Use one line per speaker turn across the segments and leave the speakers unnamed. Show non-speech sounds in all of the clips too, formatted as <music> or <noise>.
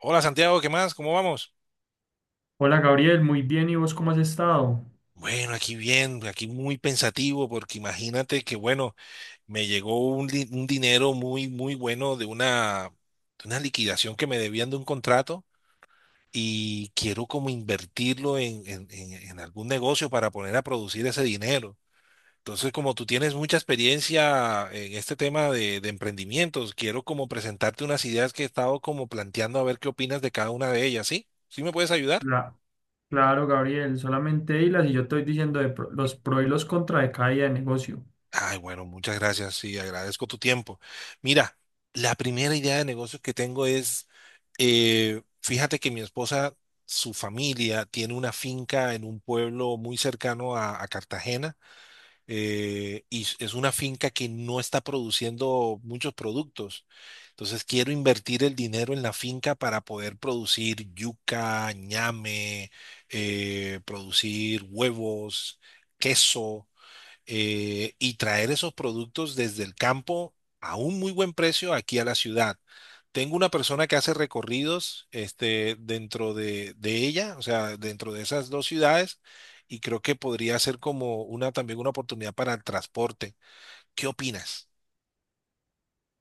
Hola Santiago, ¿qué más? ¿Cómo vamos?
Hola Gabriel, muy bien, ¿y vos cómo has estado?
Bueno, aquí bien, aquí muy pensativo, porque imagínate que, bueno, me llegó un dinero muy, muy bueno de una liquidación que me debían de un contrato y quiero como invertirlo en algún negocio para poner a producir ese dinero. Entonces, como tú tienes mucha experiencia en este tema de emprendimientos, quiero como presentarte unas ideas que he estado como planteando a ver qué opinas de cada una de ellas, ¿sí? ¿Sí me puedes ayudar?
La- claro, Gabriel, solamente hilas y yo estoy diciendo los pro y los contra de cada idea de negocio.
Ay, bueno, muchas gracias. Sí, agradezco tu tiempo. Mira, la primera idea de negocio que tengo es, fíjate que mi esposa, su familia tiene una finca en un pueblo muy cercano a Cartagena. Y es una finca que no está produciendo muchos productos. Entonces quiero invertir el dinero en la finca para poder producir yuca, ñame, producir huevos, queso, y traer esos productos desde el campo a un muy buen precio aquí a la ciudad. Tengo una persona que hace recorridos, dentro de ella, o sea, dentro de esas dos ciudades, y creo que podría ser como una también una oportunidad para el transporte. ¿Qué opinas?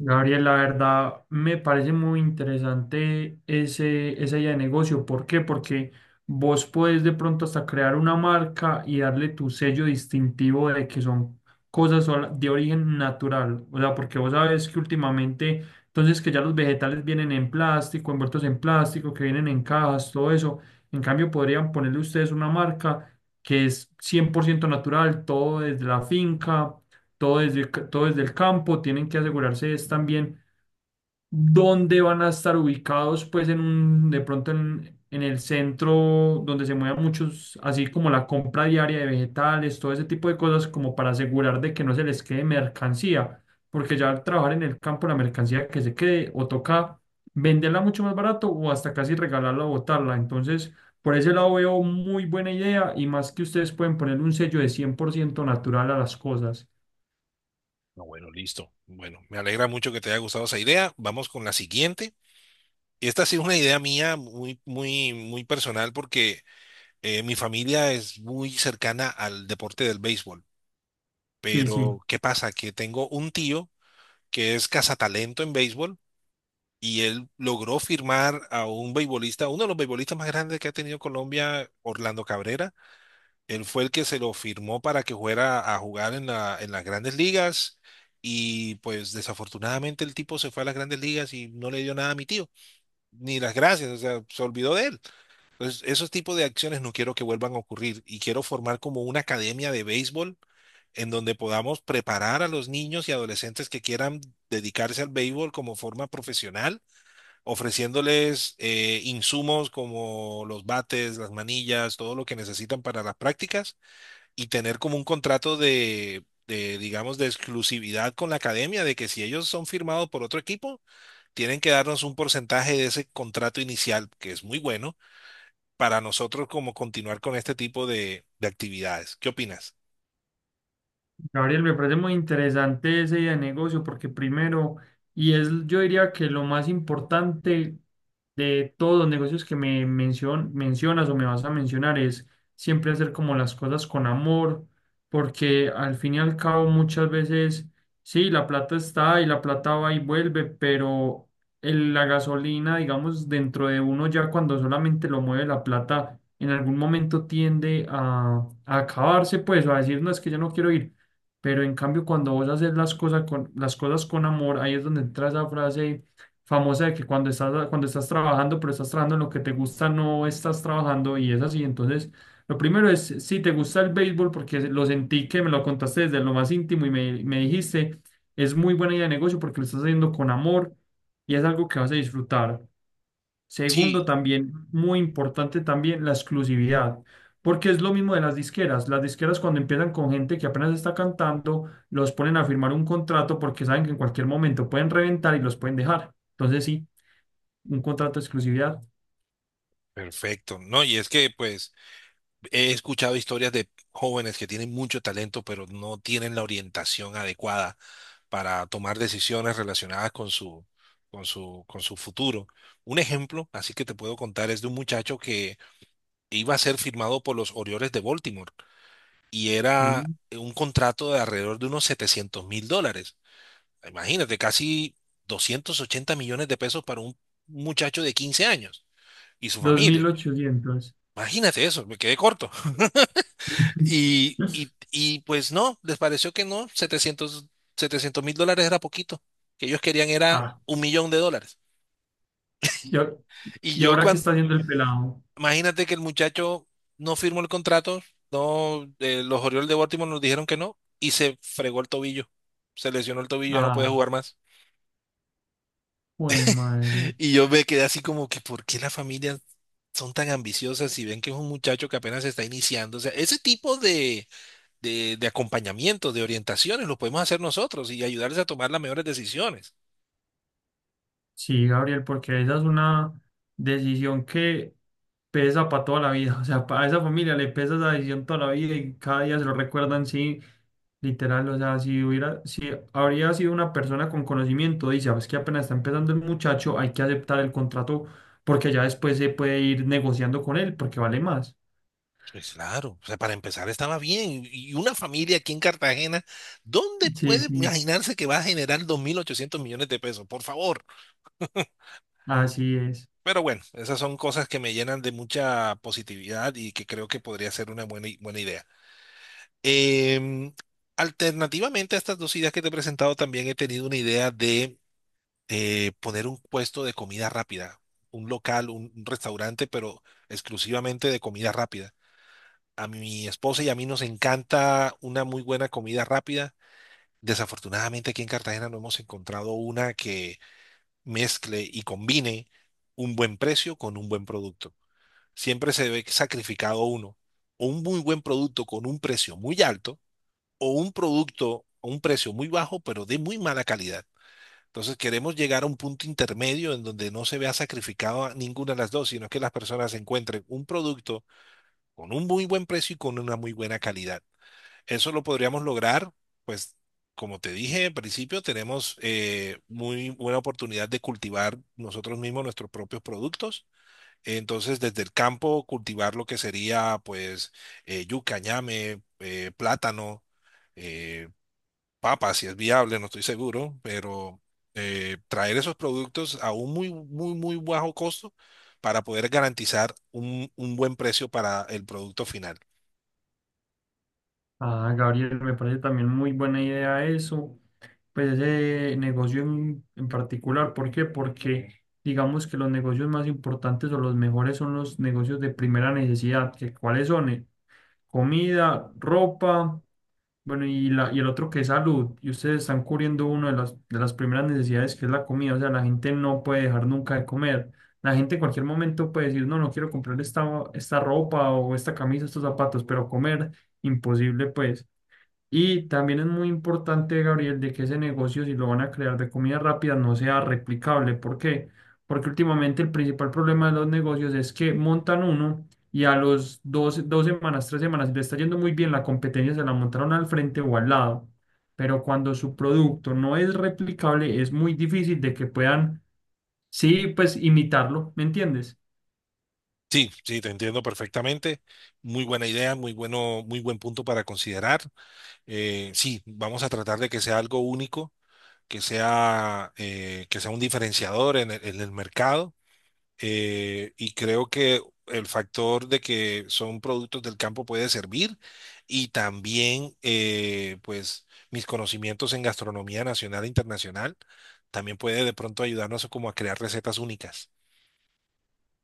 Gabriel, la verdad me parece muy interesante esa idea de negocio. ¿Por qué? Porque vos puedes de pronto hasta crear una marca y darle tu sello distintivo de que son cosas de origen natural. O sea, porque vos sabes que últimamente, entonces que ya los vegetales vienen en plástico, envueltos en plástico, que vienen en cajas, todo eso. En cambio, podrían ponerle ustedes una marca que es 100% natural, todo desde la finca, todo desde el campo. Tienen que asegurarse es también dónde van a estar ubicados, pues de pronto en el centro donde se muevan muchos, así como la compra diaria de vegetales, todo ese tipo de cosas, como para asegurar de que no se les quede mercancía, porque ya al trabajar en el campo la mercancía que se quede o toca venderla mucho más barato o hasta casi regalarla o botarla. Entonces, por ese lado veo muy buena idea y más que ustedes pueden poner un sello de 100% natural a las cosas.
No, bueno, listo. Bueno, me alegra mucho que te haya gustado esa idea. Vamos con la siguiente. Esta ha sido una idea mía muy, muy, muy personal porque mi familia es muy cercana al deporte del béisbol.
Sí, sí.
Pero, ¿qué pasa? Que tengo un tío que es cazatalento en béisbol y él logró firmar a un beisbolista, uno de los beisbolistas más grandes que ha tenido Colombia, Orlando Cabrera. Él fue el que se lo firmó para que fuera a jugar en las grandes ligas. Y pues desafortunadamente el tipo se fue a las grandes ligas y no le dio nada a mi tío, ni las gracias, o sea, se olvidó de él. Entonces, esos tipos de acciones no quiero que vuelvan a ocurrir y quiero formar como una academia de béisbol en donde podamos preparar a los niños y adolescentes que quieran dedicarse al béisbol como forma profesional, ofreciéndoles insumos como los bates, las manillas, todo lo que necesitan para las prácticas y tener como un contrato de, digamos, de exclusividad con la academia, de que si ellos son firmados por otro equipo, tienen que darnos un porcentaje de ese contrato inicial, que es muy bueno, para nosotros como continuar con este tipo de actividades. ¿Qué opinas?
Gabriel, me parece muy interesante esa idea de negocio porque, primero, y es yo diría que lo más importante de todos los negocios que mencionas o me vas a mencionar, es siempre hacer como las cosas con amor, porque al fin y al cabo muchas veces, sí, la plata está y la plata va y vuelve, pero la gasolina, digamos, dentro de uno ya cuando solamente lo mueve la plata, en algún momento tiende a acabarse, pues, o a decir, no, es que yo no quiero ir. Pero en cambio, cuando vos haces las cosas con amor, ahí es donde entra esa frase famosa de que cuando estás trabajando, pero estás trabajando en lo que te gusta, no estás trabajando, y es así. Entonces, lo primero es si te gusta el béisbol, porque lo sentí que me lo contaste desde lo más íntimo y me dijiste, es muy buena idea de negocio porque lo estás haciendo con amor y es algo que vas a disfrutar. Segundo,
Sí,
también muy importante también la exclusividad, porque es lo mismo de las disqueras. Las disqueras, cuando empiezan con gente que apenas está cantando, los ponen a firmar un contrato porque saben que en cualquier momento pueden reventar y los pueden dejar. Entonces, sí, un contrato de exclusividad.
perfecto, ¿no? Y es que pues he escuchado historias de jóvenes que tienen mucho talento, pero no tienen la orientación adecuada para tomar decisiones relacionadas con su futuro. Un ejemplo, así que te puedo contar, es de un muchacho que iba a ser firmado por los Orioles de Baltimore y era
Sí.
un contrato de alrededor de unos 700 mil dólares. Imagínate, casi 280 millones de pesos para un muchacho de 15 años y su
dos mil
familia.
ochocientos
Imagínate eso, me quedé corto. Y, y,
<laughs>
y pues no, les pareció que no, 700 700 mil dólares era poquito, que ellos querían era
Ah,
un millón de dólares.
y, a-
Y
y
yo
ahora qué
cuando,
está haciendo el pelado.
imagínate que el muchacho no firmó el contrato, no, los Orioles de Baltimore nos dijeron que no, y se fregó el tobillo, se lesionó el tobillo, ya no puede
Ah,
jugar más.
uy, madre.
Y yo me quedé así como que, ¿por qué las familias son tan ambiciosas si ven que es un muchacho que apenas se está iniciando? O sea, ese tipo de de acompañamiento, de orientaciones, lo podemos hacer nosotros y ayudarles a tomar las mejores decisiones.
Sí, Gabriel, porque esa es una decisión que pesa para toda la vida. O sea, para esa familia le pesa esa decisión toda la vida y cada día se lo recuerdan, sí, literal. O sea, si habría sido una persona con conocimiento, dice: "Ah, es que apenas está empezando el muchacho, hay que aceptar el contrato porque ya después se puede ir negociando con él porque vale más".
Pues claro, o sea, para empezar estaba bien. Y una familia aquí en Cartagena, ¿dónde
Sí,
puede
sí,
imaginarse que va a generar 2.800 millones de pesos? Por favor.
así es.
Pero bueno, esas son cosas que me llenan de mucha positividad y que creo que podría ser una buena idea. Em, Alternativamente a estas dos ideas que te he presentado, también he tenido una idea de poner un puesto de comida rápida, un local, un restaurante, pero exclusivamente de comida rápida. A mi esposa y a mí nos encanta una muy buena comida rápida. Desafortunadamente aquí en Cartagena no hemos encontrado una que mezcle y combine un buen precio con un buen producto. Siempre se ve sacrificado uno, o un muy buen producto con un precio muy alto, o un producto a un precio muy bajo, pero de muy mala calidad. Entonces queremos llegar a un punto intermedio en donde no se vea sacrificado a ninguna de las dos, sino que las personas encuentren un producto con un muy buen precio y con una muy buena calidad. Eso lo podríamos lograr, pues como te dije en principio, tenemos muy buena oportunidad de cultivar nosotros mismos nuestros propios productos. Entonces desde el campo cultivar lo que sería pues yuca, ñame, plátano, eh, papa, si es viable, no estoy seguro, pero traer esos productos a un muy, muy, muy bajo costo para poder garantizar un buen precio para el producto final.
Ah, Gabriel, me parece también muy buena idea eso, pues ese negocio en particular. ¿Por qué? Porque digamos que los negocios más importantes o los mejores son los negocios de primera necesidad, que cuáles son. Comida, ropa, bueno, y el otro que es salud. Y ustedes están cubriendo una de las primeras necesidades que es la comida. O sea, la gente no puede dejar nunca de comer. La gente en cualquier momento puede decir, no, no quiero comprar esta ropa o esta camisa, estos zapatos, pero comer, imposible, pues. Y también es muy importante, Gabriel, de que ese negocio, si lo van a crear de comida rápida, no sea replicable. ¿Por qué? Porque últimamente el principal problema de los negocios es que montan uno y a los dos, 2 semanas, 3 semanas, si le está yendo muy bien, la competencia se la montaron al frente o al lado. Pero cuando su producto no es replicable, es muy difícil de que puedan, sí, pues, imitarlo, ¿me entiendes?
Sí, sí, te entiendo perfectamente. Muy buena idea, muy bueno, muy buen punto para considerar. Sí, vamos a tratar de que sea algo único, que sea un diferenciador en el mercado, y creo que el factor de que son productos del campo puede servir y también, pues mis conocimientos en gastronomía nacional e internacional también puede de pronto ayudarnos como a crear recetas únicas.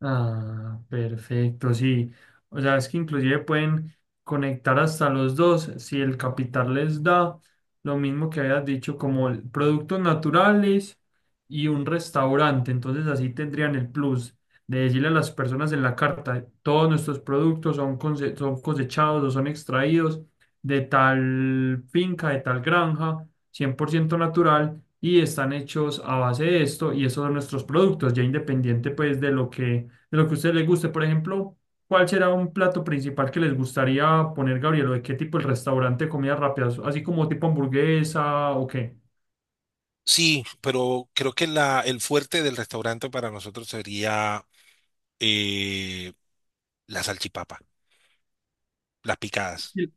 Ah, perfecto, sí. O sea, es que inclusive pueden conectar hasta los dos si el capital les da lo mismo que habías dicho, como productos naturales y un restaurante. Entonces, así tendrían el plus de decirle a las personas en la carta, todos nuestros productos son, son cosechados o son extraídos de tal finca, de tal granja, 100% natural. Y están hechos a base de esto, y esos son nuestros productos, ya independiente, pues, de lo que a ustedes les guste. Por ejemplo, ¿cuál será un plato principal que les gustaría poner, Gabriel? ¿O de qué tipo el restaurante de comida rápida? Así como tipo hamburguesa o qué.
Sí, pero creo que el fuerte del restaurante para nosotros sería, eh, la salchipapa, las picadas.
Sí.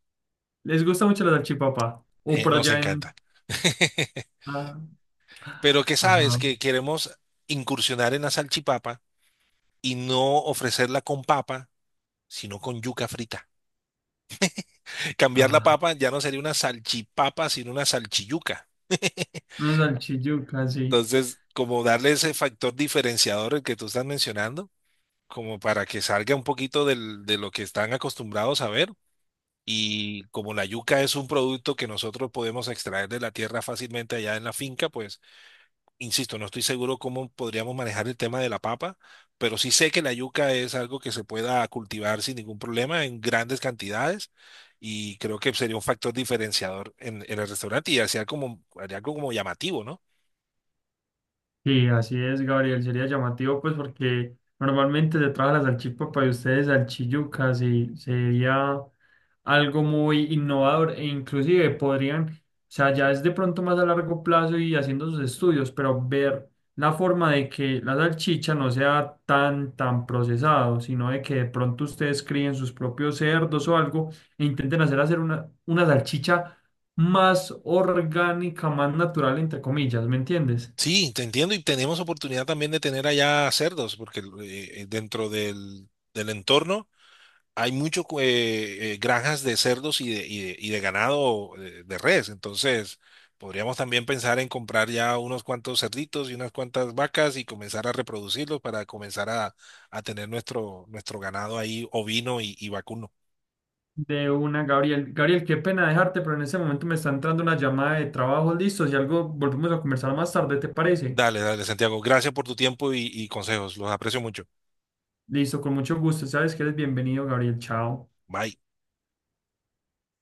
¿Les gusta mucho la salchipapa? O por
Nos
allá
encanta.
en...
<laughs>
Ah,
Pero que sabes
ajá,
que queremos incursionar en la salchipapa y no ofrecerla con papa, sino con yuca frita. <laughs> Cambiar la
ajá,
papa ya no sería una salchipapa, sino una salchiyuca. <laughs>
una salchiyuca, sí.
Entonces, como darle ese factor diferenciador el que tú estás mencionando, como para que salga un poquito de lo que están acostumbrados a ver. Y como la yuca es un producto que nosotros podemos extraer de la tierra fácilmente allá en la finca, pues insisto, no estoy seguro cómo podríamos manejar el tema de la papa, pero sí sé que la yuca es algo que se pueda cultivar sin ningún problema en grandes cantidades y creo que sería un factor diferenciador en el restaurante y haría como, haría algo como llamativo, ¿no?
Sí, así es, Gabriel. Sería llamativo, pues, porque normalmente se trabaja la salchipapa y ustedes salchiyucas, y sería algo muy innovador e inclusive podrían, o sea, ya es de pronto más a largo plazo y haciendo sus estudios, pero ver la forma de que la salchicha no sea tan, tan procesado, sino de que de pronto ustedes críen sus propios cerdos o algo e intenten hacer una salchicha más orgánica, más natural, entre comillas, ¿me entiendes?
Sí, te entiendo y tenemos oportunidad también de tener allá cerdos, porque dentro del entorno hay mucho, granjas de cerdos y de, y de ganado, res, entonces podríamos también pensar en comprar ya unos cuantos cerditos y unas cuantas vacas y comenzar a reproducirlos para comenzar a tener nuestro, nuestro ganado ahí ovino y vacuno.
De una, Gabriel. Gabriel, qué pena dejarte, pero en este momento me está entrando una llamada de trabajo, listo. Si algo, volvemos a conversar más tarde, ¿te parece?
Dale, dale, Santiago, gracias por tu tiempo y consejos, los aprecio mucho.
Listo, con mucho gusto. Sabes que eres bienvenido, Gabriel. Chao.
Bye.